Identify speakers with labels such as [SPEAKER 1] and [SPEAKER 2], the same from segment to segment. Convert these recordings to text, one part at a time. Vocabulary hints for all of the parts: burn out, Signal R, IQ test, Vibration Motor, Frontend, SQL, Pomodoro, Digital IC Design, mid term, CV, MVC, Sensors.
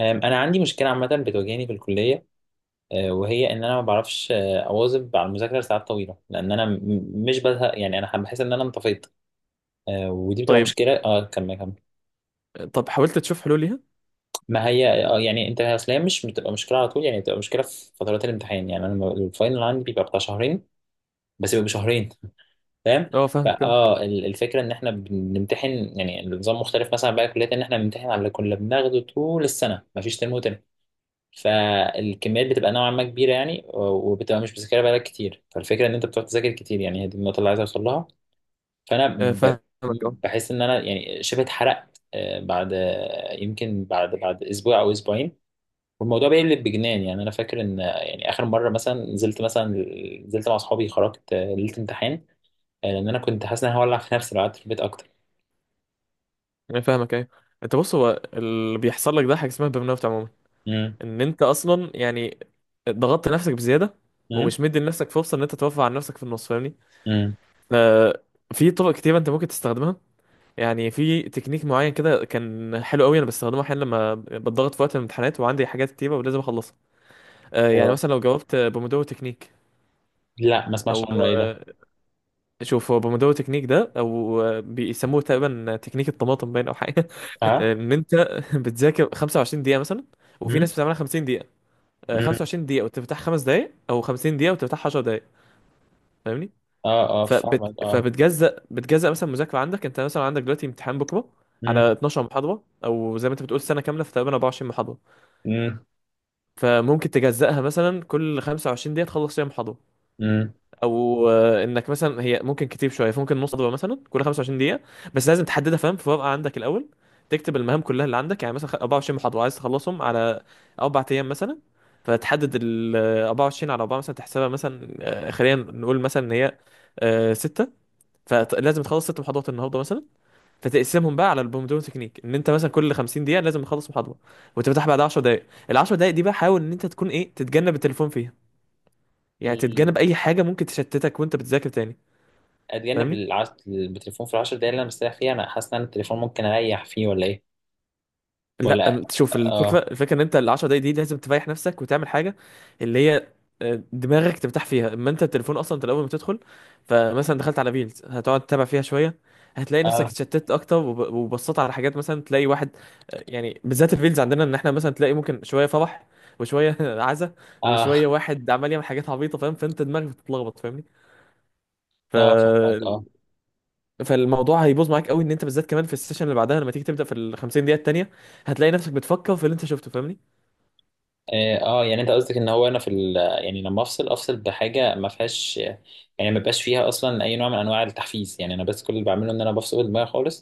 [SPEAKER 1] أنا عندي مشكلة عامة بتواجهني في الكلية. وهي إن أنا ما بعرفش، أواظب على المذاكرة لساعات طويلة، لأن أنا مش بزهق. يعني أنا بحس إن أنا انطفيت. ودي بتبقى
[SPEAKER 2] طيب.
[SPEAKER 1] مشكلة. كمل كمل.
[SPEAKER 2] طب حاولت تشوف حلول ليها؟
[SPEAKER 1] ما هي، يعني أنت، أصل هي مش بتبقى مشكلة على طول. يعني بتبقى مشكلة في فترات الامتحان. يعني أنا الفاينل عندي بيبقى بتاع شهرين. بس بيبقى شهرين، فاهم.
[SPEAKER 2] اه، فاهمك فاهمك.
[SPEAKER 1] الفكرة إن إحنا بنمتحن. يعني النظام مختلف مثلا، بقى كليات إن إحنا بنمتحن على اللي كنا بناخده طول السنة. مفيش ترم وترم. فالكميات بتبقى نوعا ما كبيره، يعني وبتبقى مش بتذاكرها بقالك كتير. فالفكره ان انت بتقعد تذاكر كتير. يعني هي دي النقطه اللي عايز اوصل لها. فانا
[SPEAKER 2] فاهمك اه.
[SPEAKER 1] بحس ان انا يعني شبه اتحرقت، بعد، يمكن بعد اسبوع او اسبوعين. والموضوع بيقلب بجنان. يعني انا فاكر ان يعني اخر مره، مثلا نزلت مع اصحابي، خرجت ليله امتحان. لان انا كنت حاسس ان انا هولع في نفسي لو قعدت في البيت اكتر.
[SPEAKER 2] أنا فاهمك ايوه. انت بص، هو اللي بيحصل لك ده حاجه اسمها برن اوت عموما.
[SPEAKER 1] امم.
[SPEAKER 2] ان انت اصلا يعني ضغطت نفسك بزياده،
[SPEAKER 1] امم.
[SPEAKER 2] ومش مدي لنفسك فرصه ان انت توفر عن نفسك في النص، فاهمني؟
[SPEAKER 1] امم.
[SPEAKER 2] آه، في طرق كتير انت ممكن تستخدمها. يعني في تكنيك معين كده كان حلو قوي، انا بستخدمه احيانا لما بتضغط في وقت الامتحانات وعندي حاجات كتيره ولازم اخلصها. يعني
[SPEAKER 1] ايوه.
[SPEAKER 2] مثلا لو جاوبت بومودورو تكنيك،
[SPEAKER 1] لا، ما اسمعش
[SPEAKER 2] او
[SPEAKER 1] عنه، ايه ده؟
[SPEAKER 2] شوف، هو بومودورو تكنيك ده او بيسموه تقريبا تكنيك الطماطم باين او حاجه.
[SPEAKER 1] اه.
[SPEAKER 2] ان انت بتذاكر 25 دقيقه مثلا، وفي
[SPEAKER 1] امم.
[SPEAKER 2] ناس بتعملها 50 دقيقه.
[SPEAKER 1] امم.
[SPEAKER 2] 25 دقيقه وتفتح 5 دقائق، او 50 دقيقه وتفتح 10 دقائق، فاهمني.
[SPEAKER 1] اه، اه، فاهمك اه.
[SPEAKER 2] فبتجزأ مثلا مذاكره عندك، انت مثلا عندك دلوقتي امتحان بكره على
[SPEAKER 1] مم.
[SPEAKER 2] 12 محاضره، او زي ما انت بتقول سنه كامله في تقريبا 24 محاضره.
[SPEAKER 1] امم.
[SPEAKER 2] فممكن تجزأها مثلا كل 25 دقيقه تخلص فيها محاضره،
[SPEAKER 1] امم.
[SPEAKER 2] او انك مثلا، هي ممكن كتير شويه، ممكن نص خطوه مثلا كل 25 دقيقه. بس لازم تحددها فاهم، في ورقه عندك الاول تكتب المهام كلها اللي عندك. يعني مثلا 24 محاضره عايز تخلصهم على 4 ايام مثلا، فتحدد ال 24 على 4 مثلا، تحسبها مثلا، خلينا نقول مثلا ان هي 6. فلازم تخلص 6 محاضرات النهارده مثلا، فتقسمهم بقى على البومودورو تكنيك ان انت مثلا كل 50 دقيقه لازم تخلص محاضره، وتفتح بعد 10 دقائق. ال 10 دقائق دي بقى حاول ان انت تكون ايه، تتجنب التليفون فيها. يعني
[SPEAKER 1] ال-
[SPEAKER 2] تتجنب اي حاجه ممكن تشتتك وانت بتذاكر تاني،
[SPEAKER 1] اتجنب
[SPEAKER 2] فاهمني.
[SPEAKER 1] التليفون في العشر دقايق اللي انا مستريح فيها. انا حاسس ان أنا التليفون ممكن اريح فيه ولا ايه؟ ولا.
[SPEAKER 2] لا شوف،
[SPEAKER 1] اه،
[SPEAKER 2] الفكره ان انت ال 10 دقايق دي لازم تريح نفسك وتعمل حاجه اللي هي دماغك ترتاح فيها. اما انت التليفون، اصلا انت الاول ما تدخل، فمثلا دخلت على ريلز، هتقعد تتابع فيها شويه، هتلاقي نفسك
[SPEAKER 1] اه،
[SPEAKER 2] اتشتت اكتر وبصيت على حاجات، مثلا تلاقي واحد، يعني بالذات الريلز عندنا ان احنا مثلا تلاقي ممكن شويه فرح وشويه عزا،
[SPEAKER 1] اه،
[SPEAKER 2] وشويه واحد عمال يعمل حاجات عبيطه، فاهم، فانت دماغك بتتلخبط
[SPEAKER 1] اه، فهمك
[SPEAKER 2] فاهمني.
[SPEAKER 1] اه.
[SPEAKER 2] فالموضوع هيبوظ معاك قوي ان انت بالذات، كمان في السيشن اللي بعدها لما تيجي تبدا في ال 50 دقيقه التانيه، هتلاقي نفسك بتفكر في اللي انت شفته، فاهمني.
[SPEAKER 1] اه، يعني انت قصدك ان هو انا في يعني لما افصل بحاجه ما فيهاش. يعني ما بقاش فيها اصلا اي نوع من انواع التحفيز. يعني انا بس كل اللي بعمله ان انا بفصل دماغي خالص.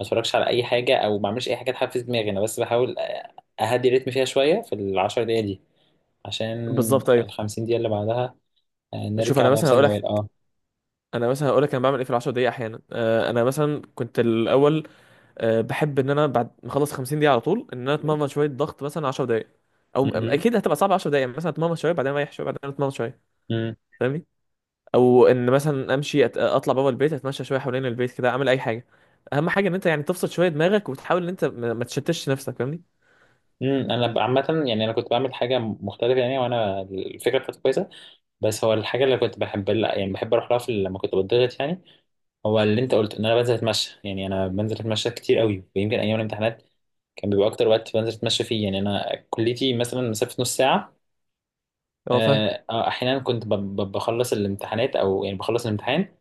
[SPEAKER 1] ما اتفرجش على اي حاجه او ما بعملش اي حاجه تحفز دماغي، انا بس بحاول اهدي الريتم فيها شويه في العشر دقايق دي، عشان
[SPEAKER 2] بالظبط ايوه.
[SPEAKER 1] الخمسين دقيقه اللي بعدها
[SPEAKER 2] شوف
[SPEAKER 1] نرجع
[SPEAKER 2] انا مثلا
[SPEAKER 1] لنفس
[SPEAKER 2] هقول
[SPEAKER 1] الموال
[SPEAKER 2] لك،
[SPEAKER 1] اه
[SPEAKER 2] انا بعمل ايه في ال 10 دقائق احيانا. انا مثلا كنت الاول، بحب ان انا بعد ما اخلص 50 دقيقه على طول ان انا
[SPEAKER 1] مم.
[SPEAKER 2] اتمرن شويه ضغط مثلا 10 دقائق، او
[SPEAKER 1] مم.
[SPEAKER 2] اكيد هتبقى صعبه 10 دقائق. مثلا اتمرن شويه، بعدين اريح شويه، بعدين اتمرن شويه، فاهمني. او ان مثلا امشي، اطلع بابا البيت، اتمشى شويه حوالين البيت كده، اعمل اي حاجه. اهم حاجه ان انت يعني تفصل شويه دماغك، وتحاول ان انت ما تشتتش نفسك فاهمني.
[SPEAKER 1] مم. انا عامه، يعني انا كنت بعمل حاجه مختلفه. يعني وانا الفكره بتاعتي كويسه. بس هو الحاجه اللي كنت بحب، لا، يعني بحب اروح لها في لما كنت بتضغط، يعني. هو اللي انت قلته ان انا بنزل اتمشى. يعني انا بنزل اتمشى كتير قوي. ويمكن ايام الامتحانات كان بيبقى اكتر وقت بنزل اتمشى فيه. يعني انا كليتي مثلا مسافه نص ساعه.
[SPEAKER 2] اه فاهم،
[SPEAKER 1] احيانا كنت بخلص الامتحانات، او يعني بخلص الامتحان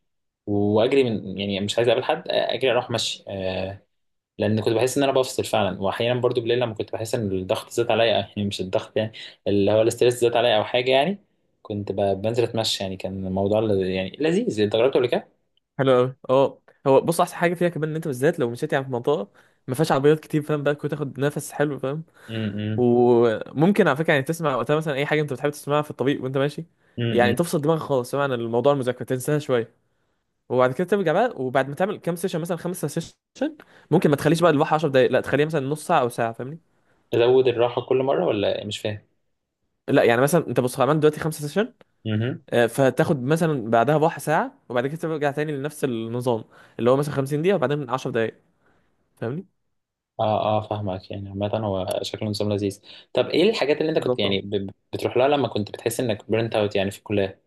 [SPEAKER 1] واجري من، يعني مش عايز اقابل حد، اجري اروح مشي. لان كنت بحس ان انا بفصل فعلا. واحيانا برضو بالليل لما كنت بحس ان الضغط زاد عليا، يعني مش الضغط، يعني اللي هو الاستريس زاد عليا او حاجه، يعني. كنت بنزل اتمشى، يعني كان الموضوع يعني لذيذ. انت جربته قبل كده؟
[SPEAKER 2] حلو قوي اه. هو بص، احسن حاجه فيها كمان ان انت بالذات لو مشيت يعني في منطقه ما فيهاش عربيات كتير، فاهم بقى، كنت تاخد نفس حلو فاهم.
[SPEAKER 1] امم.
[SPEAKER 2] وممكن على فكره يعني تسمع وقتها مثلا اي حاجه انت بتحب تسمعها في الطريق وانت ماشي. يعني
[SPEAKER 1] امم.
[SPEAKER 2] تفصل دماغك خالص، سواء عن الموضوع، المذاكره تنساها شويه. وبعد كده ترجع بقى. وبعد ما تعمل كام سيشن مثلا 5 سيشن، ممكن ما تخليش بقى الواحد 10 دقايق، لا، تخليها مثلا نص ساعه او ساعه فاهمني.
[SPEAKER 1] تزود الراحه كل مره، ولا مش فاهم؟
[SPEAKER 2] لا يعني مثلا، انت بص عملت دلوقتي 5 سيشن،
[SPEAKER 1] امم.
[SPEAKER 2] فتاخد مثلا بعدها بواحد ساعه، وبعد كده ترجع تاني لنفس النظام اللي هو مثلا 50 دقيقه وبعدين 10 دقايق، فاهمني.
[SPEAKER 1] اه، اه، فاهمك. يعني عامة هو شكله نظام لذيذ. طب ايه الحاجات اللي انت كنت يعني
[SPEAKER 2] بالظبط.
[SPEAKER 1] بتروح لها لما كنت بتحس انك برنت اوت، يعني في الكلية؟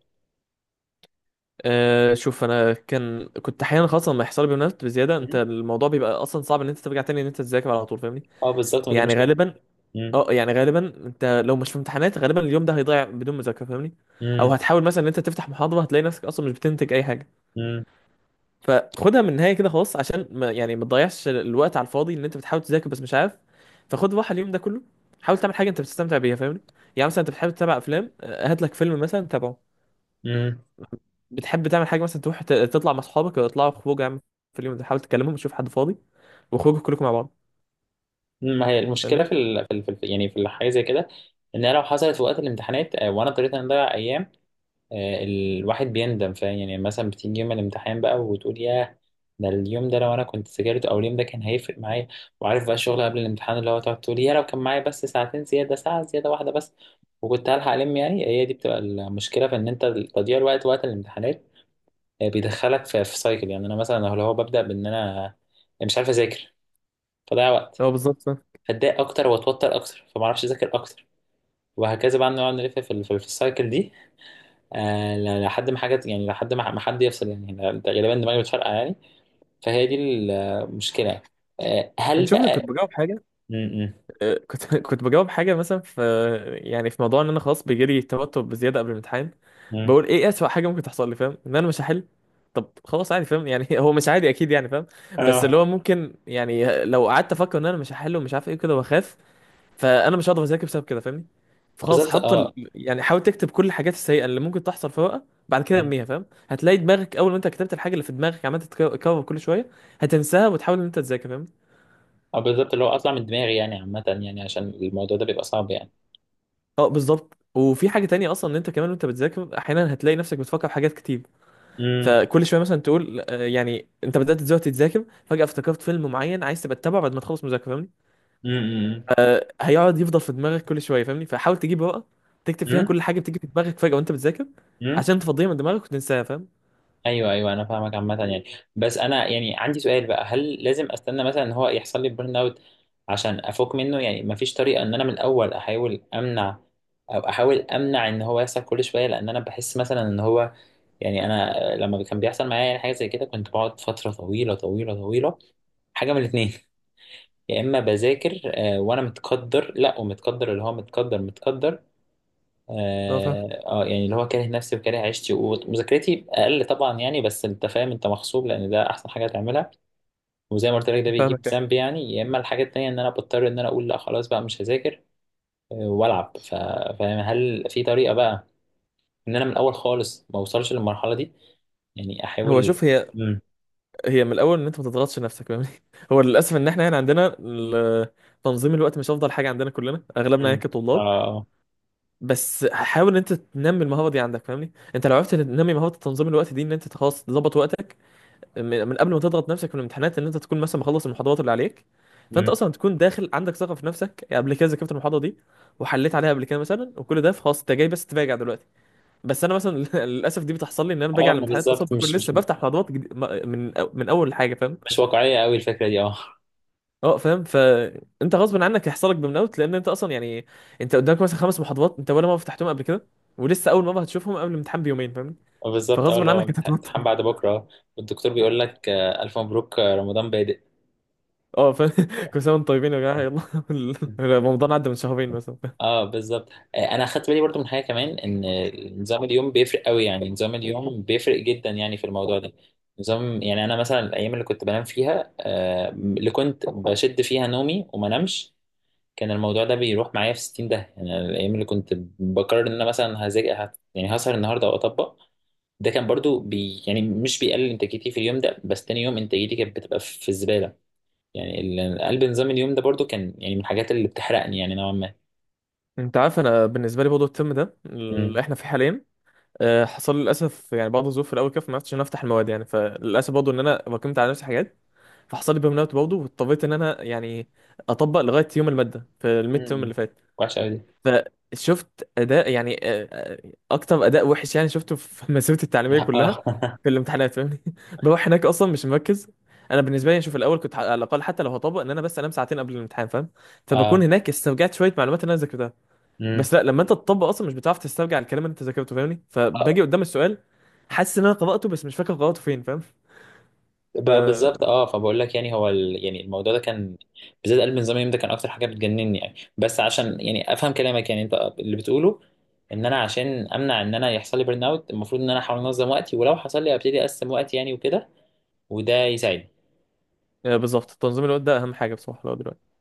[SPEAKER 2] شوف انا، كنت احيانا خاصه لما يحصل لي بيانات بزياده، انت
[SPEAKER 1] مم.
[SPEAKER 2] الموضوع بيبقى اصلا صعب ان انت ترجع تاني ان انت تذاكر على طول فاهمني.
[SPEAKER 1] اه، بالظبط، ما دي
[SPEAKER 2] يعني
[SPEAKER 1] مشكلة.
[SPEAKER 2] غالبا
[SPEAKER 1] مم.
[SPEAKER 2] اه، يعني غالبا انت لو مش في امتحانات، غالبا اليوم ده هيضيع بدون مذاكره فاهمني. او
[SPEAKER 1] مم.
[SPEAKER 2] هتحاول مثلا ان انت تفتح محاضره، هتلاقي نفسك اصلا مش بتنتج اي حاجه.
[SPEAKER 1] مم.
[SPEAKER 2] فخدها من النهايه كده خلاص، عشان ما تضيعش الوقت على الفاضي ان انت بتحاول تذاكر بس مش عارف. فخد راحه اليوم ده كله، حاول تعمل حاجه انت بتستمتع بيها فاهمني. يعني مثلا انت بتحب تتابع افلام، هات لك فيلم مثلا تابعه.
[SPEAKER 1] مم.
[SPEAKER 2] بتحب تعمل حاجه مثلا تروح تطلع مع اصحابك، ولا تطلعوا خروج عامه في اليوم ده، حاول تكلمهم تشوف حد فاضي واخرجوا كلكم مع بعض
[SPEAKER 1] ما هي المشكله
[SPEAKER 2] فاهمني.
[SPEAKER 1] يعني في الحاجه زي كده. ان هي لو حصلت في وقت الامتحانات، وانا اضطريت ان اضيع ايام، الواحد بيندم، فاهم؟ يعني مثلا بتيجي يوم الامتحان بقى وتقول ياه. ده اليوم ده لو انا كنت ذاكرت، او اليوم ده كان هيفرق معايا. وعارف بقى الشغل قبل الامتحان، اللي هو تقعد تقول يا لو كان معايا بس ساعتين زياده، ساعه زياده واحده بس وكنت هلحق، يعني هي دي بتبقى المشكله في ان انت تضييع الوقت وقت الامتحانات. بيدخلك في سايكل. يعني انا مثلا لو هو ببدا بان انا مش عارف اذاكر، فضيع وقت،
[SPEAKER 2] هو بالظبط فاهم.
[SPEAKER 1] اتضايق اكتر، واتوتر اكتر، فما اعرفش اذاكر اكتر، وهكذا بقى نقعد نلف في السايكل دي. لحد ما حاجه، يعني لحد ما حد يفصل. يعني ده غالبا دماغي بتفرقع، يعني. فهي دي المشكله، يعني.
[SPEAKER 2] يعني
[SPEAKER 1] هل
[SPEAKER 2] شوف، أنا كنت
[SPEAKER 1] بقى
[SPEAKER 2] بجاوب حاجه،
[SPEAKER 1] م- م-
[SPEAKER 2] كنت كنت بجاوب حاجه مثلا في، يعني في موضوع ان انا خلاص بيجيلي توتر بزياده قبل الامتحان.
[SPEAKER 1] م.
[SPEAKER 2] بقول، ايه اسوأ حاجه ممكن تحصل لي، فاهم؟ ان انا مش هحل. طب خلاص عادي فاهم يعني، هو مش عادي اكيد يعني فاهم، بس
[SPEAKER 1] اه،
[SPEAKER 2] اللي هو ممكن يعني، لو قعدت افكر ان انا مش هحل ومش عارف ايه كده واخاف، فانا مش هقدر اذاكر بسبب كده فاهمني. فخلاص،
[SPEAKER 1] بالظبط، اه.
[SPEAKER 2] يعني حاول تكتب كل الحاجات السيئه اللي ممكن تحصل في ورقه، بعد كده
[SPEAKER 1] م.
[SPEAKER 2] ارميها فاهم. هتلاقي دماغك اول ما انت كتبت الحاجه اللي في دماغك عمال تتكرر كل شويه، هتنساها وتحاول ان انت تذاكر فاهم.
[SPEAKER 1] اه، بالظبط، اللي هو اطلع من دماغي، يعني عامه، يعني عشان الموضوع ده بيبقى صعب، يعني.
[SPEAKER 2] اه بالظبط. وفي حاجه تانية اصلا ان انت كمان وانت بتذاكر احيانا هتلاقي نفسك بتفكر في حاجات كتير.
[SPEAKER 1] امم.
[SPEAKER 2] فكل شويه مثلا تقول، يعني انت بدات دلوقتي تذاكر فجاه افتكرت فيلم معين عايز تبقى تتابعه بعد ما تخلص مذاكره فاهمني. هيقعد يفضل في دماغك كل شويه فاهمني. فحاول تجيب ورقه، تكتب فيها كل حاجه بتيجي في دماغك فجاه وانت بتذاكر،
[SPEAKER 1] امم.
[SPEAKER 2] عشان تفضيها من دماغك وتنساها فاهم.
[SPEAKER 1] ايوه، ايوه، انا فاهمك عامه، يعني. بس انا، يعني، عندي سؤال بقى، هل لازم استنى مثلا ان هو يحصل لي بيرن اوت عشان افوق منه؟ يعني مفيش طريقه ان انا من الاول احاول امنع، او احاول امنع ان هو يحصل كل شويه؟ لان انا بحس مثلا ان هو، يعني انا لما كان بيحصل معايا يعني حاجه زي كده كنت بقعد فتره طويله طويله طويله. حاجه من الاثنين. يا اما بذاكر، وانا متقدر، لا، ومتقدر، اللي هو متقدر متقدر،
[SPEAKER 2] اه فاهم،
[SPEAKER 1] اه. يعني اللي هو كاره نفسي وكاره عيشتي ومذاكرتي اقل، طبعا، يعني بس انت فاهم انت مغصوب لان ده احسن حاجه تعملها. وزي ما قلت لك ده بيجيب
[SPEAKER 2] فاهمك يعني.
[SPEAKER 1] ذنب، يعني. يا اما الحاجه التانيه ان انا بضطر ان انا اقول لا خلاص بقى، مش هذاكر. والعب فاهم؟ هل في طريقه بقى ان انا من الاول خالص ما اوصلش للمرحله دي، يعني
[SPEAKER 2] هو
[SPEAKER 1] احاول.
[SPEAKER 2] شوف، هي
[SPEAKER 1] امم.
[SPEAKER 2] هي من الاول ان انت ما تضغطش نفسك فاهمني. هو للاسف ان احنا هنا عندنا تنظيم الوقت مش افضل حاجه عندنا كلنا، اغلبنا
[SPEAKER 1] امم.
[SPEAKER 2] يعني كطلاب.
[SPEAKER 1] اه.
[SPEAKER 2] بس حاول ان انت تنمي المهاره دي عندك فاهمني. انت لو عرفت تنمي مهاره تنظيم الوقت دي، ان انت خلاص تظبط وقتك من قبل ما تضغط نفسك في الامتحانات، ان انت تكون مثلا مخلص المحاضرات اللي عليك، فانت
[SPEAKER 1] امم.
[SPEAKER 2] اصلا تكون داخل عندك ثقه في نفسك. يعني قبل كده ذاكرت المحاضره دي وحليت عليها قبل كده مثلا، وكل ده خلاص، انت جاي بس تراجع دلوقتي. بس انا مثلا للاسف دي بتحصل لي، ان انا باجي
[SPEAKER 1] اه،
[SPEAKER 2] على
[SPEAKER 1] ما
[SPEAKER 2] الامتحانات اصلا
[SPEAKER 1] بالظبط،
[SPEAKER 2] بكون
[SPEAKER 1] مش
[SPEAKER 2] لسه
[SPEAKER 1] مش
[SPEAKER 2] بفتح موضوعات جديد، من اول حاجه فاهم.
[SPEAKER 1] مش واقعيه قوي الفكره دي، اه
[SPEAKER 2] اه فاهم. فانت غصب عنك هيحصل لك برن اوت، لان انت اصلا يعني انت قدامك مثلا 5 محاضرات انت ولا مره فتحتهم قبل كده، ولسه اول مره هتشوفهم قبل الامتحان بيومين فاهم،
[SPEAKER 1] بالظبط، اه،
[SPEAKER 2] فغصب
[SPEAKER 1] اللي هو
[SPEAKER 2] عنك انت هتوتر.
[SPEAKER 1] امتحان بعد بكره. والدكتور بيقول لك، الف مبروك، رمضان بادئ.
[SPEAKER 2] اه فاهم. كل سنه وانتم طيبين يا جماعه يلا. رمضان عدى من شهرين مثلا.
[SPEAKER 1] اه، بالظبط. انا اخدت بالي برضو من حاجه كمان، ان نظام اليوم بيفرق قوي. يعني نظام اليوم بيفرق جدا، يعني في الموضوع ده. نظام، يعني انا مثلا الايام اللي كنت بنام فيها، اللي كنت بشد فيها نومي وما نمش، كان الموضوع ده بيروح معايا في 60 ده. يعني الايام اللي كنت بقرر ان انا مثلا هذاكر، يعني هسهر النهارده او اطبق، ده كان برضو بي، يعني مش بيقلل انتاجيتي في اليوم ده، بس تاني يوم انتاجيتي كانت بتبقى في الزباله. يعني قلب نظام اليوم ده برضو كان، يعني من الحاجات اللي بتحرقني، يعني نوعا
[SPEAKER 2] انت عارف، انا بالنسبه لي برضه الترم ده
[SPEAKER 1] ما.
[SPEAKER 2] اللي احنا فيه حاليا، حصل لي للاسف يعني بعض الظروف في الاول كده، فما عرفتش ان أنا افتح المواد يعني، فللاسف برضه ان انا راكمت على نفسي حاجات، فحصل لي برن اوت برضه، واضطريت ان انا يعني اطبق لغايه يوم الماده في الميد
[SPEAKER 1] مم.
[SPEAKER 2] تيرم اللي فات.
[SPEAKER 1] وحشة أوي دي
[SPEAKER 2] فشفت اداء يعني، اكتر اداء وحش يعني شفته في مسيرتي التعليميه كلها،
[SPEAKER 1] اه،
[SPEAKER 2] في الامتحانات فاهمني. بروح هناك اصلا مش مركز. انا بالنسبه لي يعني، شوف، الاول كنت على الاقل حتى لو هطبق ان انا بس انام ساعتين قبل الامتحان فاهم، فبكون
[SPEAKER 1] اه.
[SPEAKER 2] هناك استرجعت شويه معلومات اللي انا ذاكرتها.
[SPEAKER 1] مم.
[SPEAKER 2] بس لا، لما انت تطبق اصلا مش بتعرف تسترجع الكلام اللي انت ذاكرته فاهمني.
[SPEAKER 1] آه،
[SPEAKER 2] فباجي قدام السؤال حاسس ان انا قراته، بس مش فاكر قراته فين فاهم. ف
[SPEAKER 1] بقى بالظبط، اه، فبقول لك يعني هو يعني الموضوع ده كان بالذات قلب من زمان، ده كان اكتر حاجه بتجنني، يعني. بس عشان يعني افهم كلامك، يعني انت اللي بتقوله ان انا عشان امنع ان انا يحصل لي بيرن اوت، المفروض ان انا احاول انظم وقتي، ولو حصل لي ابتدي اقسم وقتي، يعني، وكده، وده يساعدني
[SPEAKER 2] آه، بالظبط، تنظيم الوقت ده اهم حاجه بصراحه لو دلوقتي